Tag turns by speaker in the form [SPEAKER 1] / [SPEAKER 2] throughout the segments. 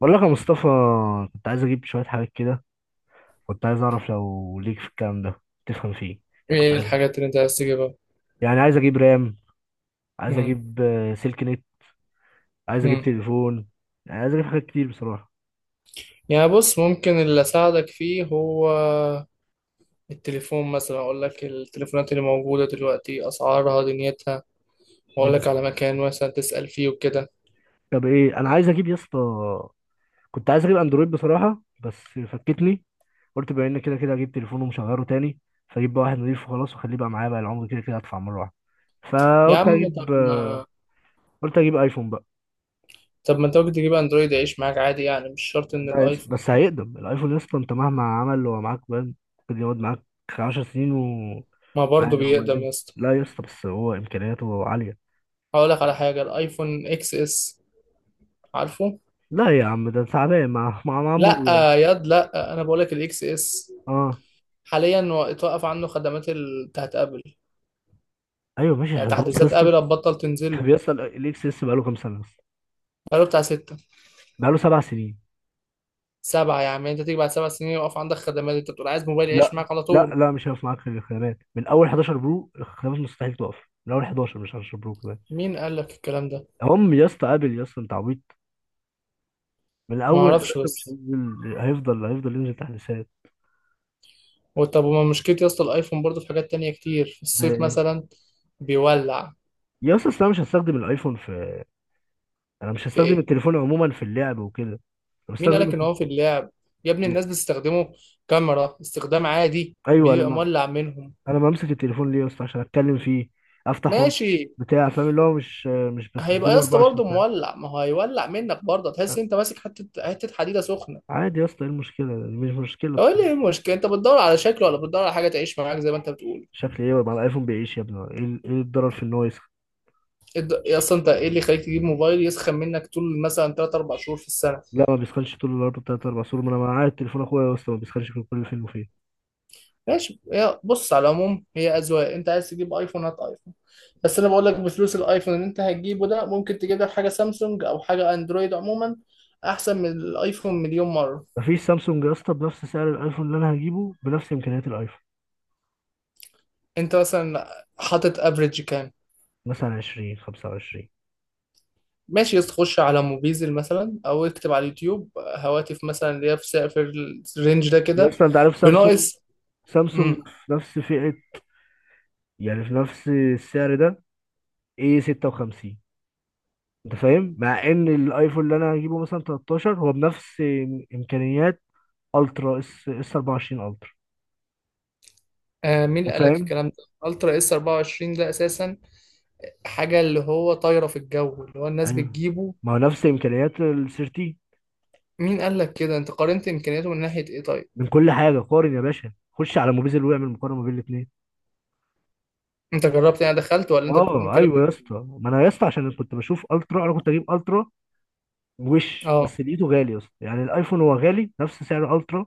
[SPEAKER 1] بقول لك يا مصطفى، كنت عايز اجيب شويه حاجات كده. كنت عايز اعرف لو ليك في الكلام ده تفهم فيه. يعني كنت
[SPEAKER 2] ايه
[SPEAKER 1] عايز
[SPEAKER 2] الحاجات اللي انت عايز تجيبها؟
[SPEAKER 1] يعني عايز اجيب رام. عايز
[SPEAKER 2] مم.
[SPEAKER 1] اجيب سلك نت. عايز اجيب
[SPEAKER 2] مم.
[SPEAKER 1] تليفون. يعني عايز اجيب حاجات كتير بصراحه.
[SPEAKER 2] يعني بص، ممكن اللي اساعدك فيه هو التليفون مثلا، اقول لك التليفونات اللي موجوده دلوقتي اسعارها دنيتها، واقول
[SPEAKER 1] مم.
[SPEAKER 2] لك على مكان مثلا تسال فيه وكده.
[SPEAKER 1] طب ايه انا عايز اجيب يا اسطى؟ كنت عايز اجيب اندرويد بصراحه، بس فكتني. قلت بما ان كده كده اجيب تليفون ومشغله تاني، فاجيب بقى واحد نضيف وخلاص واخليه بقى معايا بقى العمر، كده كده ادفع مره واحده.
[SPEAKER 2] يا
[SPEAKER 1] فقلت
[SPEAKER 2] عم طب
[SPEAKER 1] اجيب آه،
[SPEAKER 2] ما
[SPEAKER 1] قلت اجيب ايفون بقى.
[SPEAKER 2] طب ما انت ممكن تجيب اندرويد يعيش معاك عادي، يعني مش شرط ان
[SPEAKER 1] لا يس،
[SPEAKER 2] الايفون.
[SPEAKER 1] بس هيقدم الايفون يس. انت مهما عمل هو معاك بان، ممكن يقعد معاك 10 سنين
[SPEAKER 2] ما برضه
[SPEAKER 1] وعادي. هو ما
[SPEAKER 2] بيقدم يا
[SPEAKER 1] يقدمش
[SPEAKER 2] اسطى.
[SPEAKER 1] لا يا اسطى، بس هو امكانياته عاليه.
[SPEAKER 2] هقول لك على حاجه، الايفون اكس اس، عارفه؟
[SPEAKER 1] لا يا عم، ده تعبان مع
[SPEAKER 2] لا
[SPEAKER 1] عمو.
[SPEAKER 2] ياد لا، انا بقول لك الاكس اس
[SPEAKER 1] اه
[SPEAKER 2] حاليا هو اتوقف عنه خدمات ال- بتاعت ابل،
[SPEAKER 1] ايوه ماشي،
[SPEAKER 2] يعني
[SPEAKER 1] عشان تبص يا
[SPEAKER 2] تحديثات
[SPEAKER 1] اسطى.
[SPEAKER 2] ابل هتبطل
[SPEAKER 1] طب
[SPEAKER 2] تنزله.
[SPEAKER 1] يا اسطى، الاكس اس بقاله كام سنه بس؟
[SPEAKER 2] بقاله بتاع ستة.
[SPEAKER 1] بقاله سبع سنين.
[SPEAKER 2] سبعة يا عم، انت تيجي بعد سبع سنين يقف عندك خدمات، انت بتقول عايز موبايل يعيش
[SPEAKER 1] لا
[SPEAKER 2] معاك على
[SPEAKER 1] لا
[SPEAKER 2] طول.
[SPEAKER 1] لا، مش هيقف معاك في الخدمات من اول 11 برو. الخدمات مستحيل تقف من اول 11، مش 10 برو كمان.
[SPEAKER 2] مين قال لك الكلام ده؟
[SPEAKER 1] هم يا اسطى، ابل يا اسطى، انت عبيط. من
[SPEAKER 2] ما
[SPEAKER 1] اول
[SPEAKER 2] اعرفش
[SPEAKER 1] 11 مش
[SPEAKER 2] بس.
[SPEAKER 1] هينزل، هيفضل ينزل تحديثات.
[SPEAKER 2] وطب وما مشكلة يا اسطى، الايفون برضه في حاجات تانية كتير، في الصيف مثلا بيولع.
[SPEAKER 1] يا اسطى أصل انا مش
[SPEAKER 2] في
[SPEAKER 1] هستخدم
[SPEAKER 2] ايه؟
[SPEAKER 1] التليفون عموما في اللعب وكده. انا
[SPEAKER 2] مين قال
[SPEAKER 1] بستخدم.
[SPEAKER 2] لك ان هو في اللعب؟ يا ابني الناس بتستخدمه كاميرا استخدام عادي
[SPEAKER 1] ايوه، انا
[SPEAKER 2] وبيبقى
[SPEAKER 1] ما...
[SPEAKER 2] مولع منهم.
[SPEAKER 1] انا بمسك التليفون ليه يا اسطى؟ عشان اتكلم فيه، افتح واتس
[SPEAKER 2] ماشي،
[SPEAKER 1] بتاع فاهم، اللي هو مش
[SPEAKER 2] هيبقى
[SPEAKER 1] بستخدمه
[SPEAKER 2] يا اسطى
[SPEAKER 1] 24
[SPEAKER 2] برضه
[SPEAKER 1] ساعه.
[SPEAKER 2] مولع، ما هو هيولع منك برضه، تحس
[SPEAKER 1] لا،
[SPEAKER 2] انت ماسك حتة حتة حديدة سخنة.
[SPEAKER 1] عادي يا اسطى. ايه المشكله؟ مش مشكله
[SPEAKER 2] هو
[SPEAKER 1] بصراحه.
[SPEAKER 2] إيه المشكلة، انت بتدور على شكل ولا بتدور على حاجة تعيش معاك زي ما انت بتقول؟
[SPEAKER 1] شكل ايه؟ مع الايفون بيعيش يا ابني. إيه الضرر في ان هو يسخن؟
[SPEAKER 2] يا اصلا انت ايه اللي يخليك تجيب موبايل يسخن منك طول مثلا 3 4 شهور في السنه؟
[SPEAKER 1] لا، ما بيسخنش طول النهار 3 4 سور. ما انا معايا تليفون اخويا يا اسطى، ما بيسخنش في كل فين وفين.
[SPEAKER 2] ماشي، هي بص على العموم هي اذواق، انت عايز تجيب ايفون هات ايفون. بس انا بقول لك بفلوس الايفون اللي انت هتجيبه ده ممكن تجيب لك حاجه سامسونج او حاجه اندرويد عموما احسن من الايفون مليون مره.
[SPEAKER 1] مفيش سامسونج يا اسطى بنفس سعر الايفون اللي انا هجيبه بنفس امكانيات الايفون.
[SPEAKER 2] انت مثلا حاطط افريج كام؟
[SPEAKER 1] مثلا 20 25.
[SPEAKER 2] ماشي، تخش على موبيزل مثلا او اكتب على اليوتيوب هواتف مثلا اللي هي في سعر، في الرينج ده
[SPEAKER 1] يا
[SPEAKER 2] كده.
[SPEAKER 1] اسطى انت عارف سامسونج،
[SPEAKER 2] بناقص.
[SPEAKER 1] سامسونج
[SPEAKER 2] امم.
[SPEAKER 1] في نفس فئة، يعني في نفس السعر ده. ايه 56؟ انت فاهم، مع ان الايفون اللي انا هجيبه مثلا 13 هو بنفس امكانيات الترا اس اس 24 الترا.
[SPEAKER 2] آه، مين اللي
[SPEAKER 1] انت
[SPEAKER 2] قال لك
[SPEAKER 1] فاهم؟
[SPEAKER 2] الكلام ده؟ الترا اس 24 ده اساسا حاجة اللي هو طايرة في الجو اللي هو الناس
[SPEAKER 1] ايوه،
[SPEAKER 2] بتجيبه.
[SPEAKER 1] ما هو نفس امكانيات ال 13.
[SPEAKER 2] مين قال لك كده؟ انت قارنت امكانياته من ناحية ايه طيب؟
[SPEAKER 1] من كل حاجه قارن يا باشا، خش على موبيزل واعمل مقارنه ما بين الاثنين.
[SPEAKER 2] انت جربت يعني دخلت ولا انت بتقول
[SPEAKER 1] اه
[SPEAKER 2] كده
[SPEAKER 1] ايوه يا
[SPEAKER 2] من...
[SPEAKER 1] اسطى. ما انا يا اسطى عشان كنت بشوف الترا، انا كنت اجيب الترا وش،
[SPEAKER 2] اه.
[SPEAKER 1] بس لقيته غالي يا اسطى. يعني الايفون هو غالي نفس سعر الترا.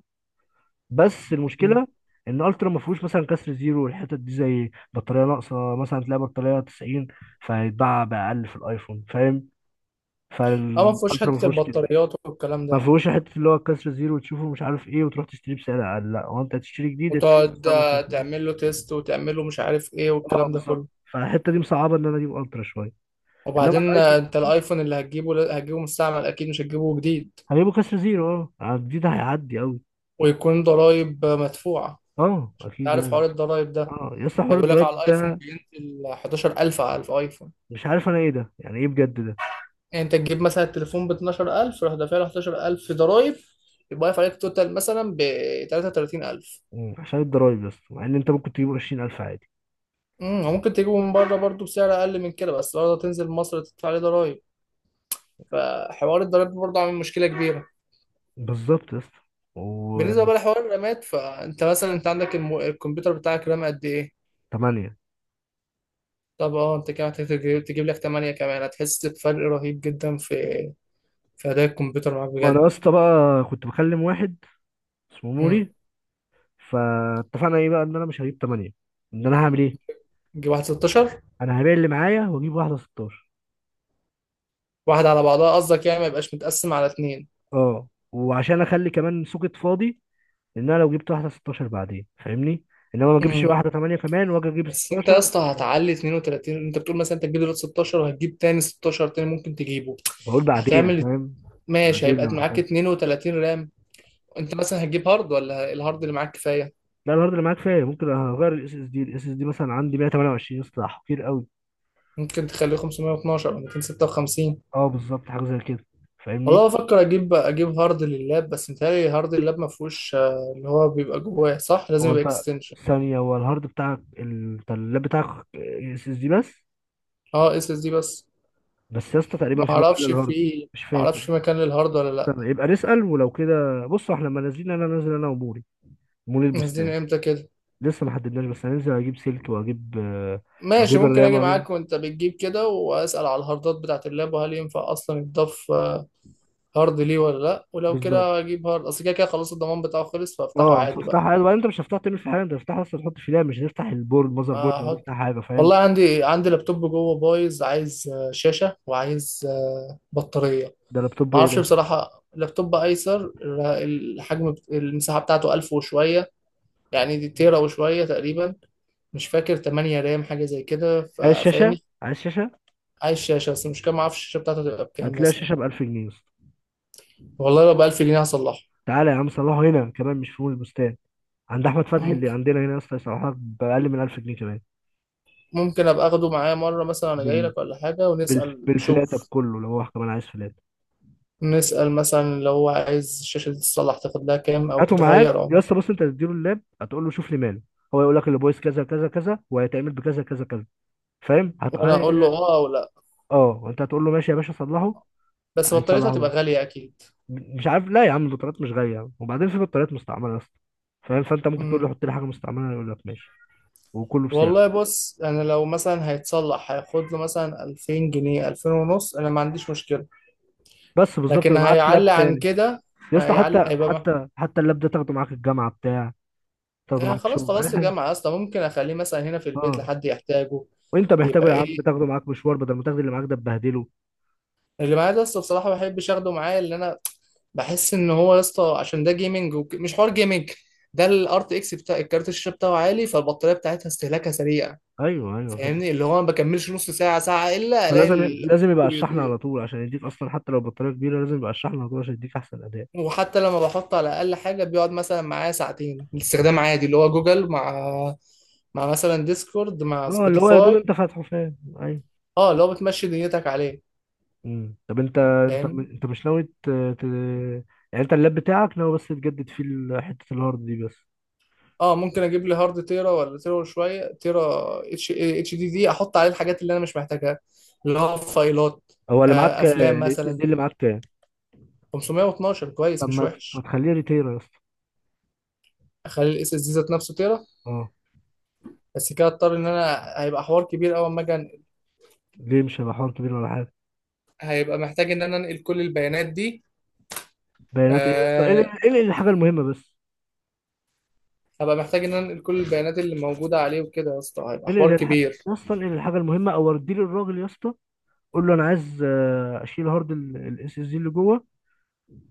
[SPEAKER 1] بس
[SPEAKER 2] م.
[SPEAKER 1] المشكله ان الترا ما فيهوش مثلا كسر زيرو والحتت دي، زي بطاريه ناقصه مثلا تلاقي بطاريه 90 فيتباع باقل في الايفون، فاهم؟
[SPEAKER 2] اه، ما فيهوش
[SPEAKER 1] فالالترا ما
[SPEAKER 2] حتة
[SPEAKER 1] فيهوش كده.
[SPEAKER 2] البطاريات والكلام
[SPEAKER 1] ما
[SPEAKER 2] ده.
[SPEAKER 1] فيهوش حته اللي هو كسر زيرو وتشوفه مش عارف ايه وتروح تشتريه بسعر اقل. لا هو انت هتشتري جديد، هتشتري
[SPEAKER 2] وتقعد
[SPEAKER 1] بسعر خالص.
[SPEAKER 2] تعمل له تيست وتعمل له مش عارف ايه
[SPEAKER 1] اه
[SPEAKER 2] والكلام ده
[SPEAKER 1] بالظبط.
[SPEAKER 2] كله.
[SPEAKER 1] فالحته دي مصعبه ان انا اجيب الترا شويه. انما
[SPEAKER 2] وبعدين
[SPEAKER 1] الايفون
[SPEAKER 2] انت الايفون اللي هتجيبه هتجيبه مستعمل اكيد مش هتجيبه جديد.
[SPEAKER 1] هجيبه كسر زيرو، اه الجديد هيعدي قوي.
[SPEAKER 2] ويكون ضرايب مدفوعة.
[SPEAKER 1] اه
[SPEAKER 2] انت
[SPEAKER 1] اكيد
[SPEAKER 2] عارف
[SPEAKER 1] يعني.
[SPEAKER 2] حوار الضرايب ده؟
[SPEAKER 1] اه يس، حوار
[SPEAKER 2] بيقول لك
[SPEAKER 1] الدرايف
[SPEAKER 2] على الايفون
[SPEAKER 1] ده.
[SPEAKER 2] بينزل 11,000 على الايفون.
[SPEAKER 1] مش عارف انا ايه ده، يعني ايه بجد ده؟
[SPEAKER 2] يعني انت تجيب مثلا التليفون ب 12,000، راح دافع له 11,000 ضرايب، يبقى واقف عليك توتال مثلا ب 33,000.
[SPEAKER 1] مم. عشان الضرايب يا اسطى، مع ان انت ممكن تجيبه 20000 عادي.
[SPEAKER 2] امم، وممكن تجيبه من بره برضه بسعر اقل من كده، بس برضه تنزل مصر تدفع عليه ضرايب، فحوار الضرايب برضه عامل مشكله كبيره.
[SPEAKER 1] بالظبط يا اسطى.
[SPEAKER 2] بالنسبه
[SPEAKER 1] وثمانية.
[SPEAKER 2] بقى لحوار الرامات، فانت مثلا انت عندك الكمبيوتر بتاعك رام قد ايه؟ طب اه، انت كده محتاج تجيب لك 8 كمان، هتحس بفرق رهيب جدا في في اداء الكمبيوتر معاك
[SPEAKER 1] ما انا
[SPEAKER 2] بجد.
[SPEAKER 1] يا اسطى بقى كنت بكلم واحد اسمه
[SPEAKER 2] امم.
[SPEAKER 1] نوري. فاتفقنا ايه بقى؟ ان انا مش هجيب ثمانية. ان انا هعمل ايه؟
[SPEAKER 2] تجيب واحد 16.
[SPEAKER 1] انا هبيع اللي معايا واجيب واحدة 16.
[SPEAKER 2] واحد على بعضها قصدك، يعني ما يبقاش متقسم على اتنين.
[SPEAKER 1] اه، وعشان اخلي كمان سوكت فاضي. ان انا لو جبت واحدة 16 بعدين فاهمني. انما ما اجيبش واحدة 8 كمان واجي اجيب
[SPEAKER 2] بس انت يا
[SPEAKER 1] 16.
[SPEAKER 2] اسطى هتعلي 32، انت بتقول مثلا انت تجيب دلوقتي 16 وهتجيب تاني 16 تاني ممكن تجيبه.
[SPEAKER 1] بقول بعدين
[SPEAKER 2] هتعمل.
[SPEAKER 1] فاهم.
[SPEAKER 2] ماشي،
[SPEAKER 1] بعدين
[SPEAKER 2] هيبقى
[SPEAKER 1] لو
[SPEAKER 2] معاك
[SPEAKER 1] احتاج.
[SPEAKER 2] 32 رام. انت مثلا هتجيب هارد ولا الهارد اللي معاك كفايه؟
[SPEAKER 1] لا، الهارد اللي معاك كفايه. ممكن اغير الاس اس دي. مثلا عندي 128 يا اسطى، كتير قوي.
[SPEAKER 2] ممكن تخليه 512 او 256.
[SPEAKER 1] اه بالظبط، حاجه زي كده فاهمني.
[SPEAKER 2] والله بفكر اجيب هارد لللاب، بس متهيألي هارد اللاب ما فيهوش اللي هو بيبقى جواه صح، لازم
[SPEAKER 1] هو
[SPEAKER 2] يبقى
[SPEAKER 1] انت
[SPEAKER 2] اكستنشن.
[SPEAKER 1] ثانيه، هو الهارد بتاعك ال- انت اللاب بتاعك اس اس دي بس.
[SPEAKER 2] اه، اس اس دي بس.
[SPEAKER 1] بس يا اسطى تقريبا
[SPEAKER 2] ما
[SPEAKER 1] في مكان
[SPEAKER 2] اعرفش
[SPEAKER 1] للهارد.
[SPEAKER 2] في
[SPEAKER 1] مش
[SPEAKER 2] ما
[SPEAKER 1] فاكر.
[SPEAKER 2] اعرفش مكان للهارد ولا لا.
[SPEAKER 1] استنى يبقى نسال. ولو كده بص احنا لما نازلين، انا نازل انا وموري. موري
[SPEAKER 2] نازلين
[SPEAKER 1] البستان.
[SPEAKER 2] امتى كده؟
[SPEAKER 1] لسه ما حددناش، بس هننزل اجيب سلك
[SPEAKER 2] ماشي،
[SPEAKER 1] واجيب
[SPEAKER 2] ممكن
[SPEAKER 1] الرام
[SPEAKER 2] اجي
[SPEAKER 1] واجيب
[SPEAKER 2] معاك وانت بتجيب كده واسال على الهاردات بتاعه اللاب، وهل ينفع اصلا يتضاف هارد ليه ولا لا، ولو
[SPEAKER 1] بالظبط.
[SPEAKER 2] كده اجيب هارد، اصل كده كده خلاص الضمان بتاعه خلص فافتحه
[SPEAKER 1] اه
[SPEAKER 2] عادي بقى.
[SPEAKER 1] فافتحها عادي، وبعدين انت مش هتفتحها تعمل في حاجه، انت هتفتحها اصلا تحط في لاب. مش هتفتح البورد المذر بورد او
[SPEAKER 2] احط.
[SPEAKER 1] تفتح حاجه، فاهم؟
[SPEAKER 2] والله عندي لابتوب جوه بايظ، عايز شاشه وعايز بطاريه.
[SPEAKER 1] ده لابتوب
[SPEAKER 2] ما
[SPEAKER 1] ايه
[SPEAKER 2] اعرفش
[SPEAKER 1] ده؟
[SPEAKER 2] بصراحه، لابتوب ايسر، الحجم المساحه بتاعته 1000 وشويه، يعني دي تيرا وشويه تقريبا، مش فاكر، 8 رام حاجه زي كده،
[SPEAKER 1] عايز شاشه
[SPEAKER 2] فاهمني.
[SPEAKER 1] عايز شاشه
[SPEAKER 2] عايز شاشه بس مش كده، ما اعرفش الشاشه بتاعته تبقى بكام
[SPEAKER 1] هتلاقي
[SPEAKER 2] مثلا.
[SPEAKER 1] شاشه ب 1000 جنيه.
[SPEAKER 2] والله لو بألف جنيه هصلحه.
[SPEAKER 1] تعالى يا عم صلحه هنا، كمان مش في مول البستان، عند احمد فتحي اللي
[SPEAKER 2] ممكن
[SPEAKER 1] عندنا هنا يا اسطى، يصلحها باقل من 1000 جنيه كمان.
[SPEAKER 2] ممكن أبقى أخده معايا مرة مثلا أنا جاي
[SPEAKER 1] بال...
[SPEAKER 2] لك ولا حاجة ونسأل
[SPEAKER 1] بالفلاته
[SPEAKER 2] نشوف.
[SPEAKER 1] بكله، لو هو كمان عايز فلاته.
[SPEAKER 2] نسأل مثلا لو هو عايز الشاشة دي تتصلح تاخد لها كام أو
[SPEAKER 1] هاته معاك
[SPEAKER 2] تتغير أو...
[SPEAKER 1] يا اسطى. بص، انت هتديله اللاب، هتقول له شوف لي ماله. هو يقول لك اللي بويس كذا كذا كذا، وهيتعمل بكذا كذا كذا، فاهم هت...
[SPEAKER 2] وأنا أقول له أه أو لأ.
[SPEAKER 1] اه وانت هتقول له ماشي يا باشا صلحه.
[SPEAKER 2] بس بطاريتها
[SPEAKER 1] هيصلحه
[SPEAKER 2] هتبقى
[SPEAKER 1] لي.
[SPEAKER 2] غالية أكيد.
[SPEAKER 1] مش عارف. لا يا عم، البطاريات مش غاليه يا عم. وبعدين في بطاريات مستعمله يا اسطى فاهم، فانت ممكن تقول
[SPEAKER 2] مم.
[SPEAKER 1] له حط لي حاجه مستعمله، يقول لك ماشي. وكله بسعر.
[SPEAKER 2] والله بص، أنا لو مثلا هيتصلح هياخد له مثلا ألفين جنيه، ألفين ونص، أنا ما عنديش مشكلة.
[SPEAKER 1] بس بالظبط
[SPEAKER 2] لكن
[SPEAKER 1] يبقى معاك لاب
[SPEAKER 2] هيعلى عن
[SPEAKER 1] تاني.
[SPEAKER 2] كده،
[SPEAKER 1] يا اسطى
[SPEAKER 2] هيعلى،
[SPEAKER 1] حتى حتى حتى اللاب ده تاخده معاك الجامعه بتاع، تاخده معاك
[SPEAKER 2] خلاص
[SPEAKER 1] شغل اي
[SPEAKER 2] خلاص
[SPEAKER 1] حاجه.
[SPEAKER 2] الجامعة أصلا ممكن أخليه مثلا هنا في البيت
[SPEAKER 1] اه
[SPEAKER 2] لحد يحتاجه.
[SPEAKER 1] وانت محتاجه
[SPEAKER 2] يبقى
[SPEAKER 1] يا عم،
[SPEAKER 2] ايه؟
[SPEAKER 1] تاخده معاك مشوار بدل ما تاخد اللي معاك ده تبهدله.
[SPEAKER 2] اللي معايا ده اسطى بصراحه ما بحبش اخده معايا، اللي انا بحس ان هو يا اسطى، عشان ده جيمنج مش حوار جيمنج، ده الار تي اكس بتاع الكارت الشاشه بتاعه عالي، فالبطاريه بتاعتها استهلاكها سريع،
[SPEAKER 1] ايوه ايوه،
[SPEAKER 2] فاهمني، اللي هو ما بكملش نص ساعه، ساعه الا الاقي
[SPEAKER 1] فلازم.
[SPEAKER 2] الخط
[SPEAKER 1] لازم يبقى على الشحن على
[SPEAKER 2] بيطير.
[SPEAKER 1] طول، عشان يديك اصلا. حتى لو بطاريه كبيره لازم يبقى على الشحن على طول عشان يديك احسن اداء.
[SPEAKER 2] وحتى لما بحط على اقل حاجه بيقعد مثلا معايا ساعتين الاستخدام عادي اللي هو جوجل مع مثلا ديسكورد مع
[SPEAKER 1] اه اللي هو يا دوب
[SPEAKER 2] سبوتيفاي.
[SPEAKER 1] انت فاتحه فاهم، ايوه.
[SPEAKER 2] اه، اللي هو بتمشي دنيتك عليه.
[SPEAKER 1] مم. طب انت انت
[SPEAKER 2] فاهم.
[SPEAKER 1] انت مش ناوي. يعني انت اللاب بتاعك ناوي بس تجدد فيه حته الهارد دي بس.
[SPEAKER 2] اه، ممكن اجيب لي هارد تيرا ولا تيرا وشويه، تيرا اتش اتش دي دي، احط عليه الحاجات اللي انا مش محتاجها اللي هو فايلات.
[SPEAKER 1] هو اللي
[SPEAKER 2] آه،
[SPEAKER 1] معاك
[SPEAKER 2] افلام
[SPEAKER 1] الاس اس
[SPEAKER 2] مثلا.
[SPEAKER 1] دي اللي معاك كام؟
[SPEAKER 2] 512 كويس
[SPEAKER 1] طب
[SPEAKER 2] مش
[SPEAKER 1] ما ما
[SPEAKER 2] وحش.
[SPEAKER 1] تخليه ريتيرا يا اسطى؟
[SPEAKER 2] اخلي الاس اس دي ذات نفسه تيرا.
[SPEAKER 1] اه.
[SPEAKER 2] بس كده اضطر ان انا هيبقى حوار كبير قوي اما اجي أنقل.
[SPEAKER 1] ليه مش هيبقى حوار كبير ولا حاجه.
[SPEAKER 2] هيبقى محتاج ان انا انقل كل البيانات دي.
[SPEAKER 1] بيانات ايه يا اسطى؟ ايه
[SPEAKER 2] آه،
[SPEAKER 1] ايه إيه الحاجه المهمه بس؟
[SPEAKER 2] هبقى محتاج ان انا انقل كل البيانات اللي موجوده عليه وكده يا اسطى، هيبقى
[SPEAKER 1] ايه
[SPEAKER 2] حوار
[SPEAKER 1] اللي الحاجه،
[SPEAKER 2] كبير.
[SPEAKER 1] يا اسطى؟ ايه الحاجه المهمه؟ او ودي للراجل يا اسطى، قول له انا عايز اشيل هارد الاس اس دي اللي جوه،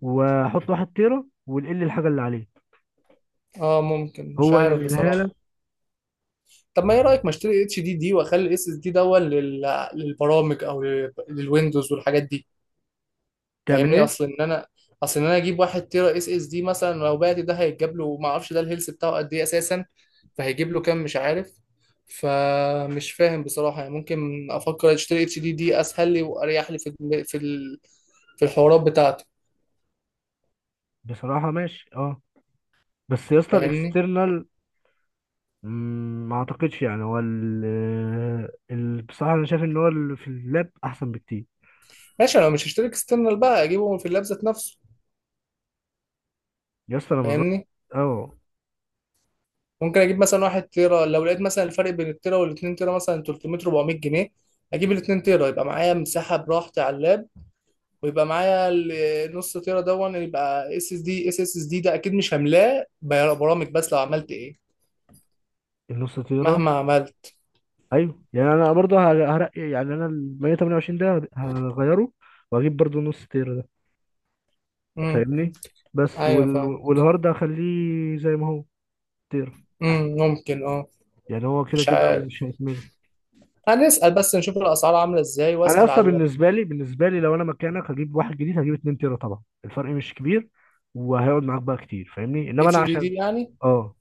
[SPEAKER 1] واحط واحد تيرا، ونقل الحاجه اللي عليه.
[SPEAKER 2] اه ممكن، مش
[SPEAKER 1] هو
[SPEAKER 2] عارف
[SPEAKER 1] ينقلها
[SPEAKER 2] بصراحه.
[SPEAKER 1] لك.
[SPEAKER 2] طب ما ايه رايك ما اشتري اتش دي دي واخلي الاس اس دي دون للبرامج او للويندوز والحاجات دي.
[SPEAKER 1] تعمل
[SPEAKER 2] فاهمني،
[SPEAKER 1] ايه؟
[SPEAKER 2] اصل ان انا اجيب واحد تيرا اس اس دي مثلا لو بعت ده هيتجاب له، ما اعرفش ده الهيلث بتاعه قد ايه اساسا، فهيجيب له كام مش عارف. فمش فاهم بصراحه، يعني ممكن افكر اشتري اتش دي دي اسهل لي واريح لي في ال- في الحوارات بتاعته.
[SPEAKER 1] بصراحه ماشي، اه. بس يا اسطى
[SPEAKER 2] فاهمني.
[SPEAKER 1] الاكسترنال، ما اعتقدش. يعني هو بصراحه انا شايف ان هو اللي في اللاب احسن بكتير.
[SPEAKER 2] ماشي، انا مش هشتري اكسترنال بقى، اجيبه من في اللاب ذات نفسه.
[SPEAKER 1] يا اسطى انا مرات.
[SPEAKER 2] فاهمني.
[SPEAKER 1] اه.
[SPEAKER 2] ممكن اجيب مثلا واحد تيرا لو لقيت مثلا الفرق بين التيرا والاتنين تيرا مثلا 300 400 جنيه، اجيب الاتنين تيرا يبقى معايا مساحه براحتي على اللاب، ويبقى معايا النص تيرا دون يبقى اس اس دي، اس اس دي ده اكيد مش هملاه برامج بس لو عملت ايه،
[SPEAKER 1] النص تيرا،
[SPEAKER 2] مهما عملت.
[SPEAKER 1] ايوه. يعني انا برضه هرقي، يعني انا ال 128 ده هغيره واجيب برضه نص تير ده
[SPEAKER 2] امم.
[SPEAKER 1] فاهمني. بس
[SPEAKER 2] ايوه فاهم.
[SPEAKER 1] والهارد هخليه زي ما هو. تير.
[SPEAKER 2] امم. ممكن اه.
[SPEAKER 1] يعني هو كده
[SPEAKER 2] مش
[SPEAKER 1] كده
[SPEAKER 2] عارف،
[SPEAKER 1] مش هيتملي.
[SPEAKER 2] هنسال بس نشوف الاسعار عامله ازاي
[SPEAKER 1] انا
[SPEAKER 2] واسال
[SPEAKER 1] اصلا
[SPEAKER 2] على.
[SPEAKER 1] بالنسبه لي لو انا مكانك هجيب واحد جديد، هجيب 2 تيرا طبعا. الفرق مش كبير، وهيقعد معاك بقى كتير فاهمني. انما انا
[SPEAKER 2] اتش دي
[SPEAKER 1] عشان.
[SPEAKER 2] دي يعني.
[SPEAKER 1] اه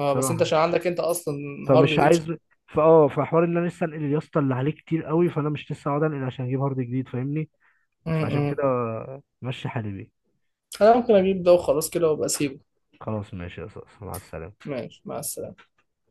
[SPEAKER 2] اه، بس انت
[SPEAKER 1] بصراحه،
[SPEAKER 2] عشان عندك انت اصلا هارد
[SPEAKER 1] فمش
[SPEAKER 2] اتش.
[SPEAKER 1] عايز. فحوار ان انا لسه انقل يا اسطى اللي عليه كتير قوي، فانا مش لسه هقعد انقل عشان اجيب هارد جديد فاهمني. فعشان
[SPEAKER 2] امم.
[SPEAKER 1] كده ماشي حالي بيه.
[SPEAKER 2] انا ممكن اجيب ده وخلاص كده وابقى اسيبه.
[SPEAKER 1] خلاص ماشي يا صاصة، مع السلامة.
[SPEAKER 2] ماشي مع السلامه.